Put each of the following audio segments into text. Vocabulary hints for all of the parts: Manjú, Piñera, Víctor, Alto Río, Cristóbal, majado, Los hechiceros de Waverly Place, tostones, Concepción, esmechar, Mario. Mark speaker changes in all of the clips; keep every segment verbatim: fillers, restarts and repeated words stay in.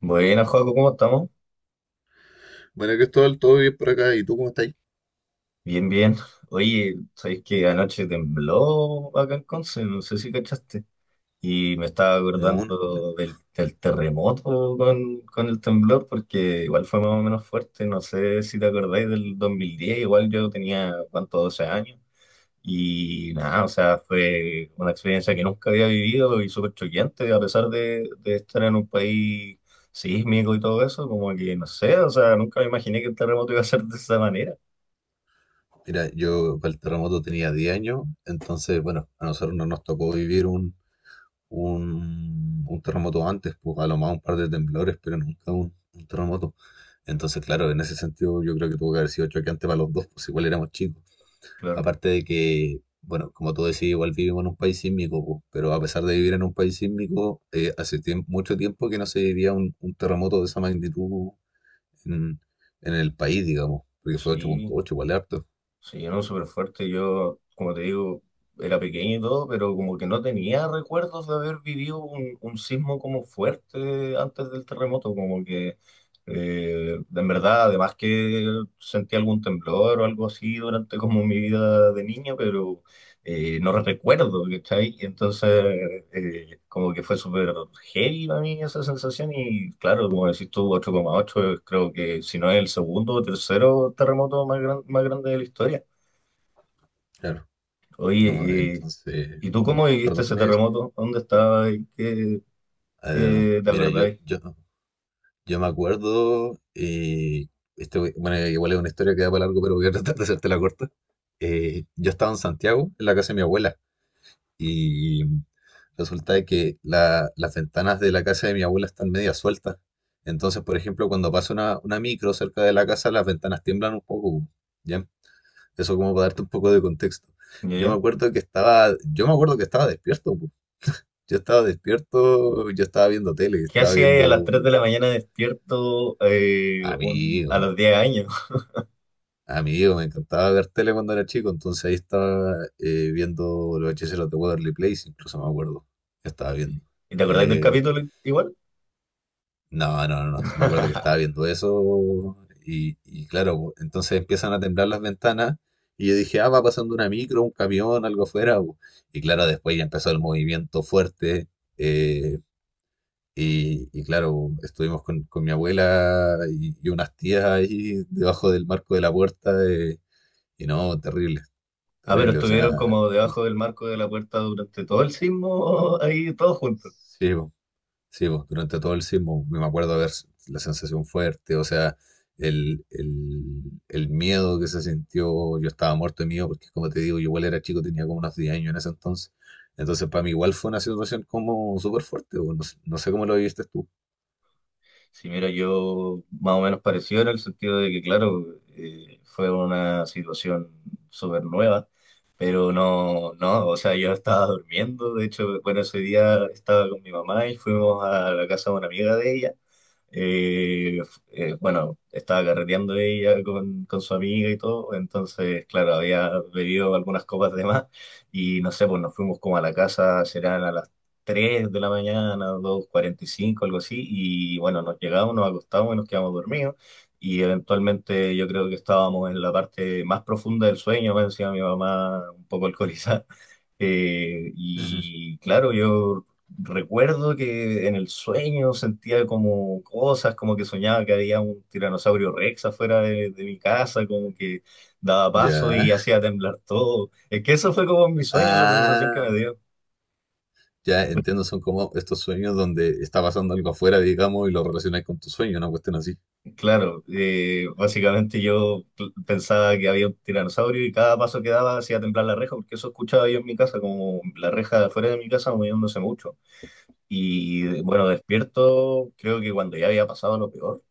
Speaker 1: Bueno, Joaco, ¿cómo estamos?
Speaker 2: Bueno, Cristóbal, todo bien por acá. ¿Y tú cómo estás?
Speaker 1: Bien, bien. Oye, ¿sabéis que anoche tembló acá en Conce? No sé si cachaste. Y me estaba
Speaker 2: No, no, no.
Speaker 1: acordando del, del terremoto con, con el temblor, porque igual fue más o menos fuerte. No sé si te acordáis del dos mil diez, igual yo tenía, ¿cuánto? doce años. Y nada, o sea, fue una experiencia que nunca había vivido y súper choqueante, a pesar de, de estar en un país sísmico y todo eso, como que no sé, o sea, nunca me imaginé que el terremoto iba a ser de esa manera.
Speaker 2: Mira, yo para el terremoto tenía diez años, entonces, bueno, a nosotros no nos tocó vivir un, un, un terremoto antes, pues a lo más un par de temblores, pero nunca un, un terremoto. Entonces, claro, en ese sentido yo creo que tuvo que haber sido choqueante para los dos, pues igual éramos chicos.
Speaker 1: Claro,
Speaker 2: Aparte de que, bueno, como tú decías, igual vivimos en un país sísmico, pues, pero a pesar de vivir en un país sísmico, eh, hace tiemp- mucho tiempo que no se vivía un, un terremoto de esa magnitud en, en el país, digamos, porque fue
Speaker 1: sí,
Speaker 2: ocho punto ocho, igual es harto.
Speaker 1: sí, no, súper fuerte. Yo, como te digo, era pequeño y todo, pero como que no tenía recuerdos de haber vivido un, un sismo como fuerte antes del terremoto, como que eh, en verdad, además que sentí algún temblor o algo así durante como mi vida de niño, pero eh, no recuerdo, ¿cachai? Y entonces, eh, como que fue súper heavy para mí esa sensación. Y claro, como decís tú, ocho coma ocho, es, creo que si no es el segundo o tercero terremoto más, gran- más grande de la historia.
Speaker 2: Claro, no,
Speaker 1: Oye, eh,
Speaker 2: entonces,
Speaker 1: ¿y tú
Speaker 2: no,
Speaker 1: cómo viviste
Speaker 2: perdón, ¿qué
Speaker 1: ese
Speaker 2: me dices?
Speaker 1: terremoto? ¿Dónde estabas? ¿Qué,
Speaker 2: A ver,
Speaker 1: qué te
Speaker 2: mira, yo,
Speaker 1: acordáis?
Speaker 2: yo, yo me acuerdo, eh, este, bueno, igual es una historia que da para largo, pero voy a tratar de hacerte la corta. Eh, yo estaba en Santiago, en la casa de mi abuela, y resulta de que la- las ventanas de la casa de mi abuela están media sueltas. Entonces, por ejemplo, cuando pasa una, una micro cerca de la casa, las ventanas tiemblan un poco, ¿ya? Eso como para darte un poco de contexto.
Speaker 1: ¿Ya,
Speaker 2: Yo me
Speaker 1: ya?
Speaker 2: acuerdo que estaba, yo me acuerdo que estaba despierto, po. Yo estaba despierto, yo estaba viendo tele,
Speaker 1: ¿Qué
Speaker 2: estaba
Speaker 1: hacías a
Speaker 2: viendo
Speaker 1: las tres de la mañana despierto eh, un- a
Speaker 2: amigo,
Speaker 1: los diez años?
Speaker 2: amigo, me encantaba ver tele cuando era chico, entonces ahí estaba eh, viendo Los Hechiceros de Waverly Place, incluso me acuerdo, que estaba viendo.
Speaker 1: ¿Y te acordáis del
Speaker 2: Eh,
Speaker 1: capítulo igual?
Speaker 2: No, no, no, sí me acuerdo que estaba viendo eso y, y claro, entonces empiezan a temblar las ventanas y yo dije, ah, va pasando una micro, un camión, algo afuera. Bu. Y claro, después ya empezó el movimiento fuerte eh, y, y claro, estuvimos con, con mi abuela y, y unas tías ahí debajo del marco de la puerta eh, y no, terrible,
Speaker 1: Ah, pero
Speaker 2: terrible, o sea,
Speaker 1: estuvieron como
Speaker 2: el-
Speaker 1: debajo del marco de la puerta durante todo el sismo, ahí todos juntos.
Speaker 2: sí, bu. Sí, pues, durante todo el sismo pues, me acuerdo de ver la sensación fuerte, o sea, el, el, el miedo que se sintió, yo estaba muerto de miedo, porque como te digo, yo igual era chico, tenía como unos diez años en ese entonces, entonces para mí igual fue una situación como súper fuerte, pues, no, sé no sé cómo lo viviste tú.
Speaker 1: Sí, mira, yo más o menos parecido en el sentido de que, claro, eh, fue una situación súper nueva, pero no, no, o sea, yo estaba durmiendo, de hecho, bueno, ese día estaba con mi mamá y fuimos a la casa de una amiga de ella. Eh, eh, bueno, estaba carreteando ella con, con su amiga y todo, entonces, claro, había bebido algunas copas de más y no sé, pues nos fuimos como a la casa, serán a las tres de la mañana, dos cuarenta y cinco, algo así, y bueno, nos llegamos, nos acostamos y nos quedamos dormidos y eventualmente yo creo que estábamos en la parte más profunda del sueño, me decía mi mamá un poco alcoholizada. Eh, y claro, yo recuerdo que en el sueño sentía como cosas, como que soñaba que había un tiranosaurio Rex afuera de, de mi casa, como que daba paso y
Speaker 2: Ya.
Speaker 1: hacía temblar todo. Es que eso fue como en mi sueño la sensación que me
Speaker 2: Ah,
Speaker 1: dio.
Speaker 2: ya entiendo, son como estos sueños donde está pasando algo afuera, digamos, y lo relacionas con tu sueño, una cuestión así.
Speaker 1: Claro, eh, básicamente yo pl- pensaba que había un tiranosaurio y cada paso que daba hacía temblar la reja, porque eso escuchaba yo en mi casa, como la reja de afuera de mi casa moviéndose mucho. Y bueno, despierto, creo que cuando ya había pasado lo peor.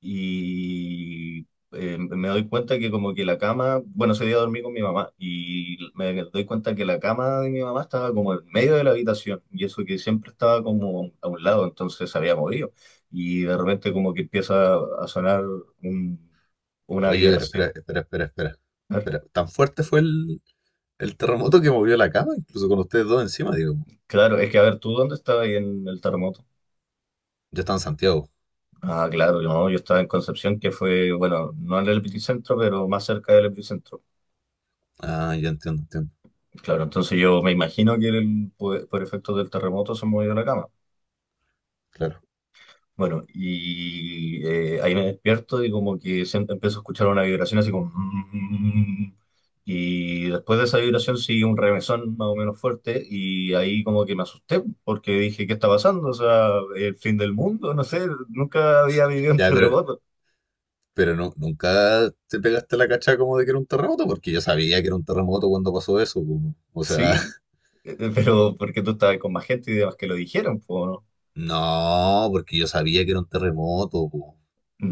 Speaker 1: Y eh, me doy cuenta que como que la cama, bueno, ese día dormí con mi mamá y me doy cuenta que la cama de mi mamá estaba como en medio de la habitación y eso que siempre estaba como a un lado, entonces se había movido y de repente como que empieza a sonar un- una
Speaker 2: Oye, pero
Speaker 1: vibración.
Speaker 2: espera, espera, espera, espera. Espera, ¿tan fuerte fue el, El terremoto que movió la cama, incluso con ustedes dos encima, digo?
Speaker 1: Claro, es que a ver, ¿tú dónde estabas ahí en el terremoto?
Speaker 2: Ya está en Santiago.
Speaker 1: Ah, claro, yo, yo estaba en Concepción, que fue, bueno, no en el epicentro, pero más cerca del epicentro.
Speaker 2: Ah, ya entiendo, entiendo.
Speaker 1: Claro, entonces yo me imagino que el- por, por efectos del terremoto se movió la cama.
Speaker 2: Claro.
Speaker 1: Bueno, y eh, ahí me despierto y como que siento- empiezo a escuchar una vibración así como... "Mm". Y después de esa vibración sigue un remesón más o menos fuerte y ahí como que me asusté porque dije, ¿qué está pasando? O sea, el fin del mundo, no sé, nunca había vivido un
Speaker 2: Ya, pero,
Speaker 1: terremoto.
Speaker 2: pero no, nunca te pegaste la cacha como de que era un terremoto, porque yo sabía que era un terremoto cuando pasó eso. Po. O sea,
Speaker 1: Sí, eh, pero porque tú estabas con más gente y demás que lo dijeron, pues, ¿no?
Speaker 2: no, porque yo sabía que era un terremoto. Po.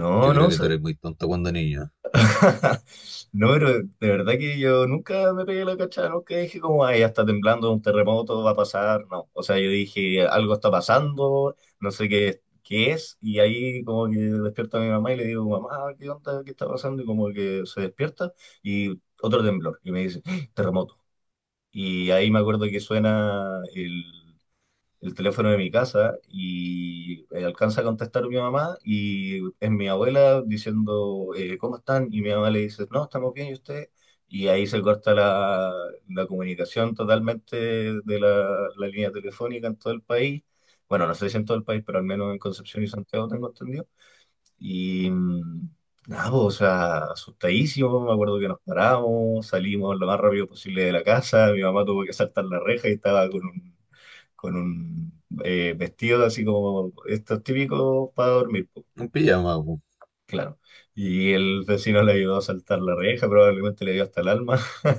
Speaker 1: No,
Speaker 2: Yo creo
Speaker 1: no.
Speaker 2: que tú eres muy tonto cuando niño.
Speaker 1: No, pero de verdad que yo nunca me pegué la cachada, nunca dije como, ay, ya está temblando, un terremoto va a pasar, no. O sea, yo dije, algo está pasando, no sé qué, qué es, y ahí como que despierta mi mamá y le digo, mamá, ¿qué onda? ¿Qué está pasando? Y como que se despierta y otro temblor, y me dice, "Ah, terremoto". Y ahí me acuerdo que suena el, el teléfono de mi casa y eh, alcanza a contestar mi mamá y es mi abuela diciendo, eh, ¿cómo están? Y mi mamá le dice, no, estamos bien, ¿y usted? Y ahí se corta la, la comunicación totalmente de la, la línea telefónica en todo el país. Bueno, no sé si en todo el país, pero al menos en Concepción y Santiago tengo entendido. Y mm, nada, pues, o sea, asustadísimo, me acuerdo que nos paramos, salimos lo más rápido posible de la casa, mi mamá tuvo que saltar la reja y estaba con un con un eh, vestido así como estos típicos para dormir, po,
Speaker 2: Un pijama, po.
Speaker 1: claro. Y el vecino le ayudó a saltar la reja, probablemente le dio hasta el alma.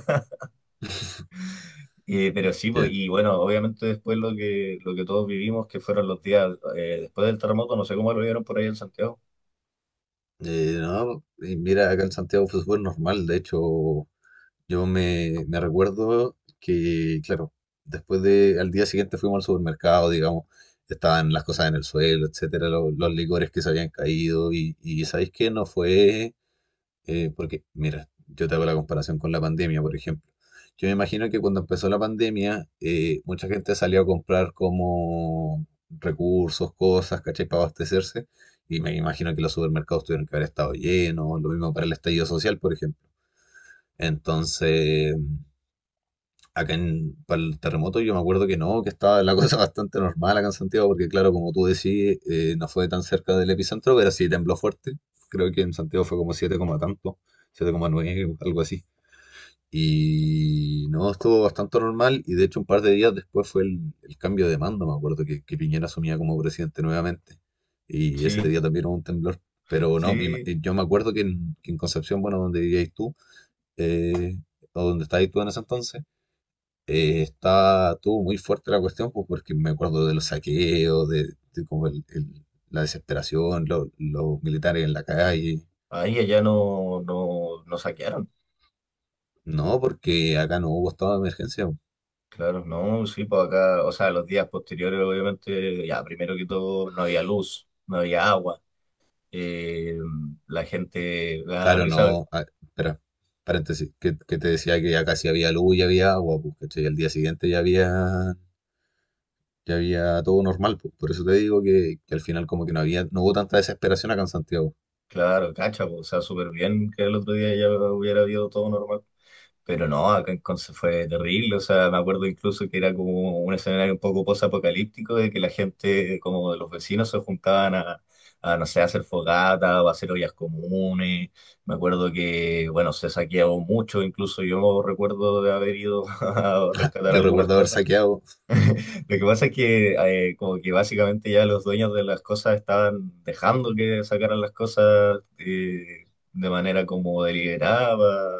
Speaker 1: Eh, pero sí, po,
Speaker 2: Ya.
Speaker 1: y bueno, obviamente después lo que, lo que todos vivimos, que fueron los días eh, después del terremoto, no sé cómo lo vieron por ahí en Santiago.
Speaker 2: Eh, no, y mira, acá en Santiago fue súper normal. De hecho, yo me, me recuerdo que, claro, después de, al día siguiente fuimos al supermercado, digamos, estaban las cosas en el suelo, etcétera, lo- los licores que se habían caído, y, y ¿sabéis qué? No fue, eh, porque, mira, yo te hago la comparación con la pandemia, por ejemplo. Yo me imagino que cuando empezó la pandemia, eh, mucha gente salió a comprar como recursos, cosas, ¿cachai? Para abastecerse, y me imagino que los supermercados tuvieron que haber estado llenos, lo mismo para el estallido social, por ejemplo. Entonces acá en, para el terremoto yo me acuerdo que no, que estaba la cosa bastante normal acá en Santiago, porque claro, como tú decís, eh, no fue tan cerca del epicentro, pero sí tembló fuerte. Creo que en Santiago fue como siete coma tanto, siete coma nueve algo así. Y no, estuvo bastante normal y de hecho un par de días después fue el, el cambio de mando, me acuerdo que, que, Piñera asumía como presidente nuevamente. Y ese
Speaker 1: Sí,
Speaker 2: día también hubo un temblor. Pero no, mi- ma-
Speaker 1: sí,
Speaker 2: yo me acuerdo que en, que en Concepción, bueno, donde vivíais tú, eh, o donde estabas tú en ese entonces, eh, está, tuvo muy fuerte la cuestión, pues porque me acuerdo de los saqueos, de, de como el- el- la desesperación, lo- los militares en la calle.
Speaker 1: ahí allá no, no, no saquearon.
Speaker 2: No, porque acá no hubo estado de emergencia.
Speaker 1: Claro, no, sí, pues acá, o sea, los días posteriores, obviamente, ya, primero que todo, no había luz, no había agua. eh, la gente le da
Speaker 2: Claro,
Speaker 1: risa,
Speaker 2: no. Ah, espera, paréntesis, que, que te decía que acá sí había luz y había agua, pues, ¿cachai? Al día siguiente ya había, ya había todo normal, pues. Por eso te digo que, que al final como que no había, no hubo tanta desesperación acá en Santiago.
Speaker 1: claro, cacha, po, o sea, súper bien que el otro día ya hubiera habido todo normal. Pero no, acá en Conce fue terrible, o sea, me acuerdo incluso que era como un escenario un poco posapocalíptico de que la gente, como de los vecinos, se juntaban a, a, no sé, a hacer fogata o a hacer ollas comunes. Me acuerdo que, bueno, se saqueaba mucho, incluso yo recuerdo de haber ido a rescatar
Speaker 2: Yo
Speaker 1: algunas
Speaker 2: recuerdo haber
Speaker 1: cosas.
Speaker 2: saqueado,
Speaker 1: Lo que pasa es que eh, como que básicamente ya los dueños de las cosas estaban dejando que sacaran las cosas eh, de manera como deliberada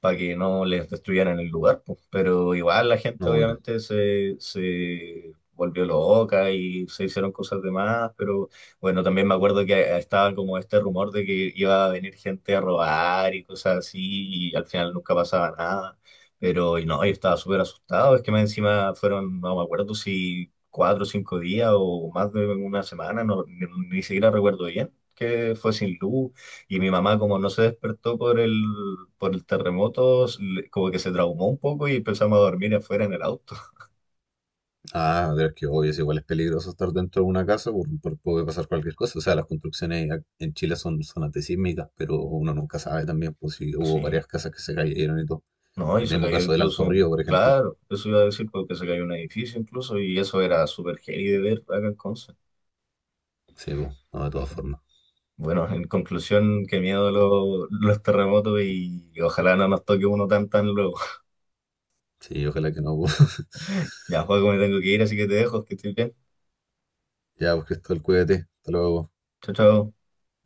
Speaker 1: para que no les destruyeran el lugar, pues. Pero igual la gente
Speaker 2: no, yo.
Speaker 1: obviamente se, se volvió loca y se hicieron cosas de más, pero bueno, también me acuerdo que estaba como este rumor de que iba a venir gente a robar y cosas así, y al final nunca pasaba nada. Pero y no, yo estaba súper asustado, es que más encima fueron, no me acuerdo si cuatro o cinco días o más de una semana, no, ni, ni siquiera recuerdo bien, que fue sin luz y mi mamá, como no se despertó por el, por el terremoto, s- le- como que se traumó un poco y empezamos a dormir afuera en el auto.
Speaker 2: Ah, pero es que obvio, es igual es peligroso estar dentro de una casa, por, por- puede pasar cualquier cosa. O sea, las construcciones ac- en Chile son, son antisísmicas, pero uno nunca sabe también, pues si hubo
Speaker 1: Sí,
Speaker 2: varias casas que se cayeron y todo.
Speaker 1: no, y
Speaker 2: El
Speaker 1: se
Speaker 2: mismo
Speaker 1: cayó
Speaker 2: caso del
Speaker 1: incluso,
Speaker 2: Alto
Speaker 1: un-
Speaker 2: Río, por ejemplo.
Speaker 1: claro, eso iba a decir porque se cayó un edificio incluso y eso era súper heavy de ver acá en Conce.
Speaker 2: Sí, pues, no, de todas formas.
Speaker 1: Bueno, en conclusión, qué miedo lo- los terremotos y ojalá no nos toque uno tan tan luego.
Speaker 2: Sí, ojalá que no, pues.
Speaker 1: Ya, Juaco, me tengo que ir, así que te dejo, que estoy bien.
Speaker 2: Ya, pues, Cristóbal, cuídate. Hasta luego.
Speaker 1: Chao, chao.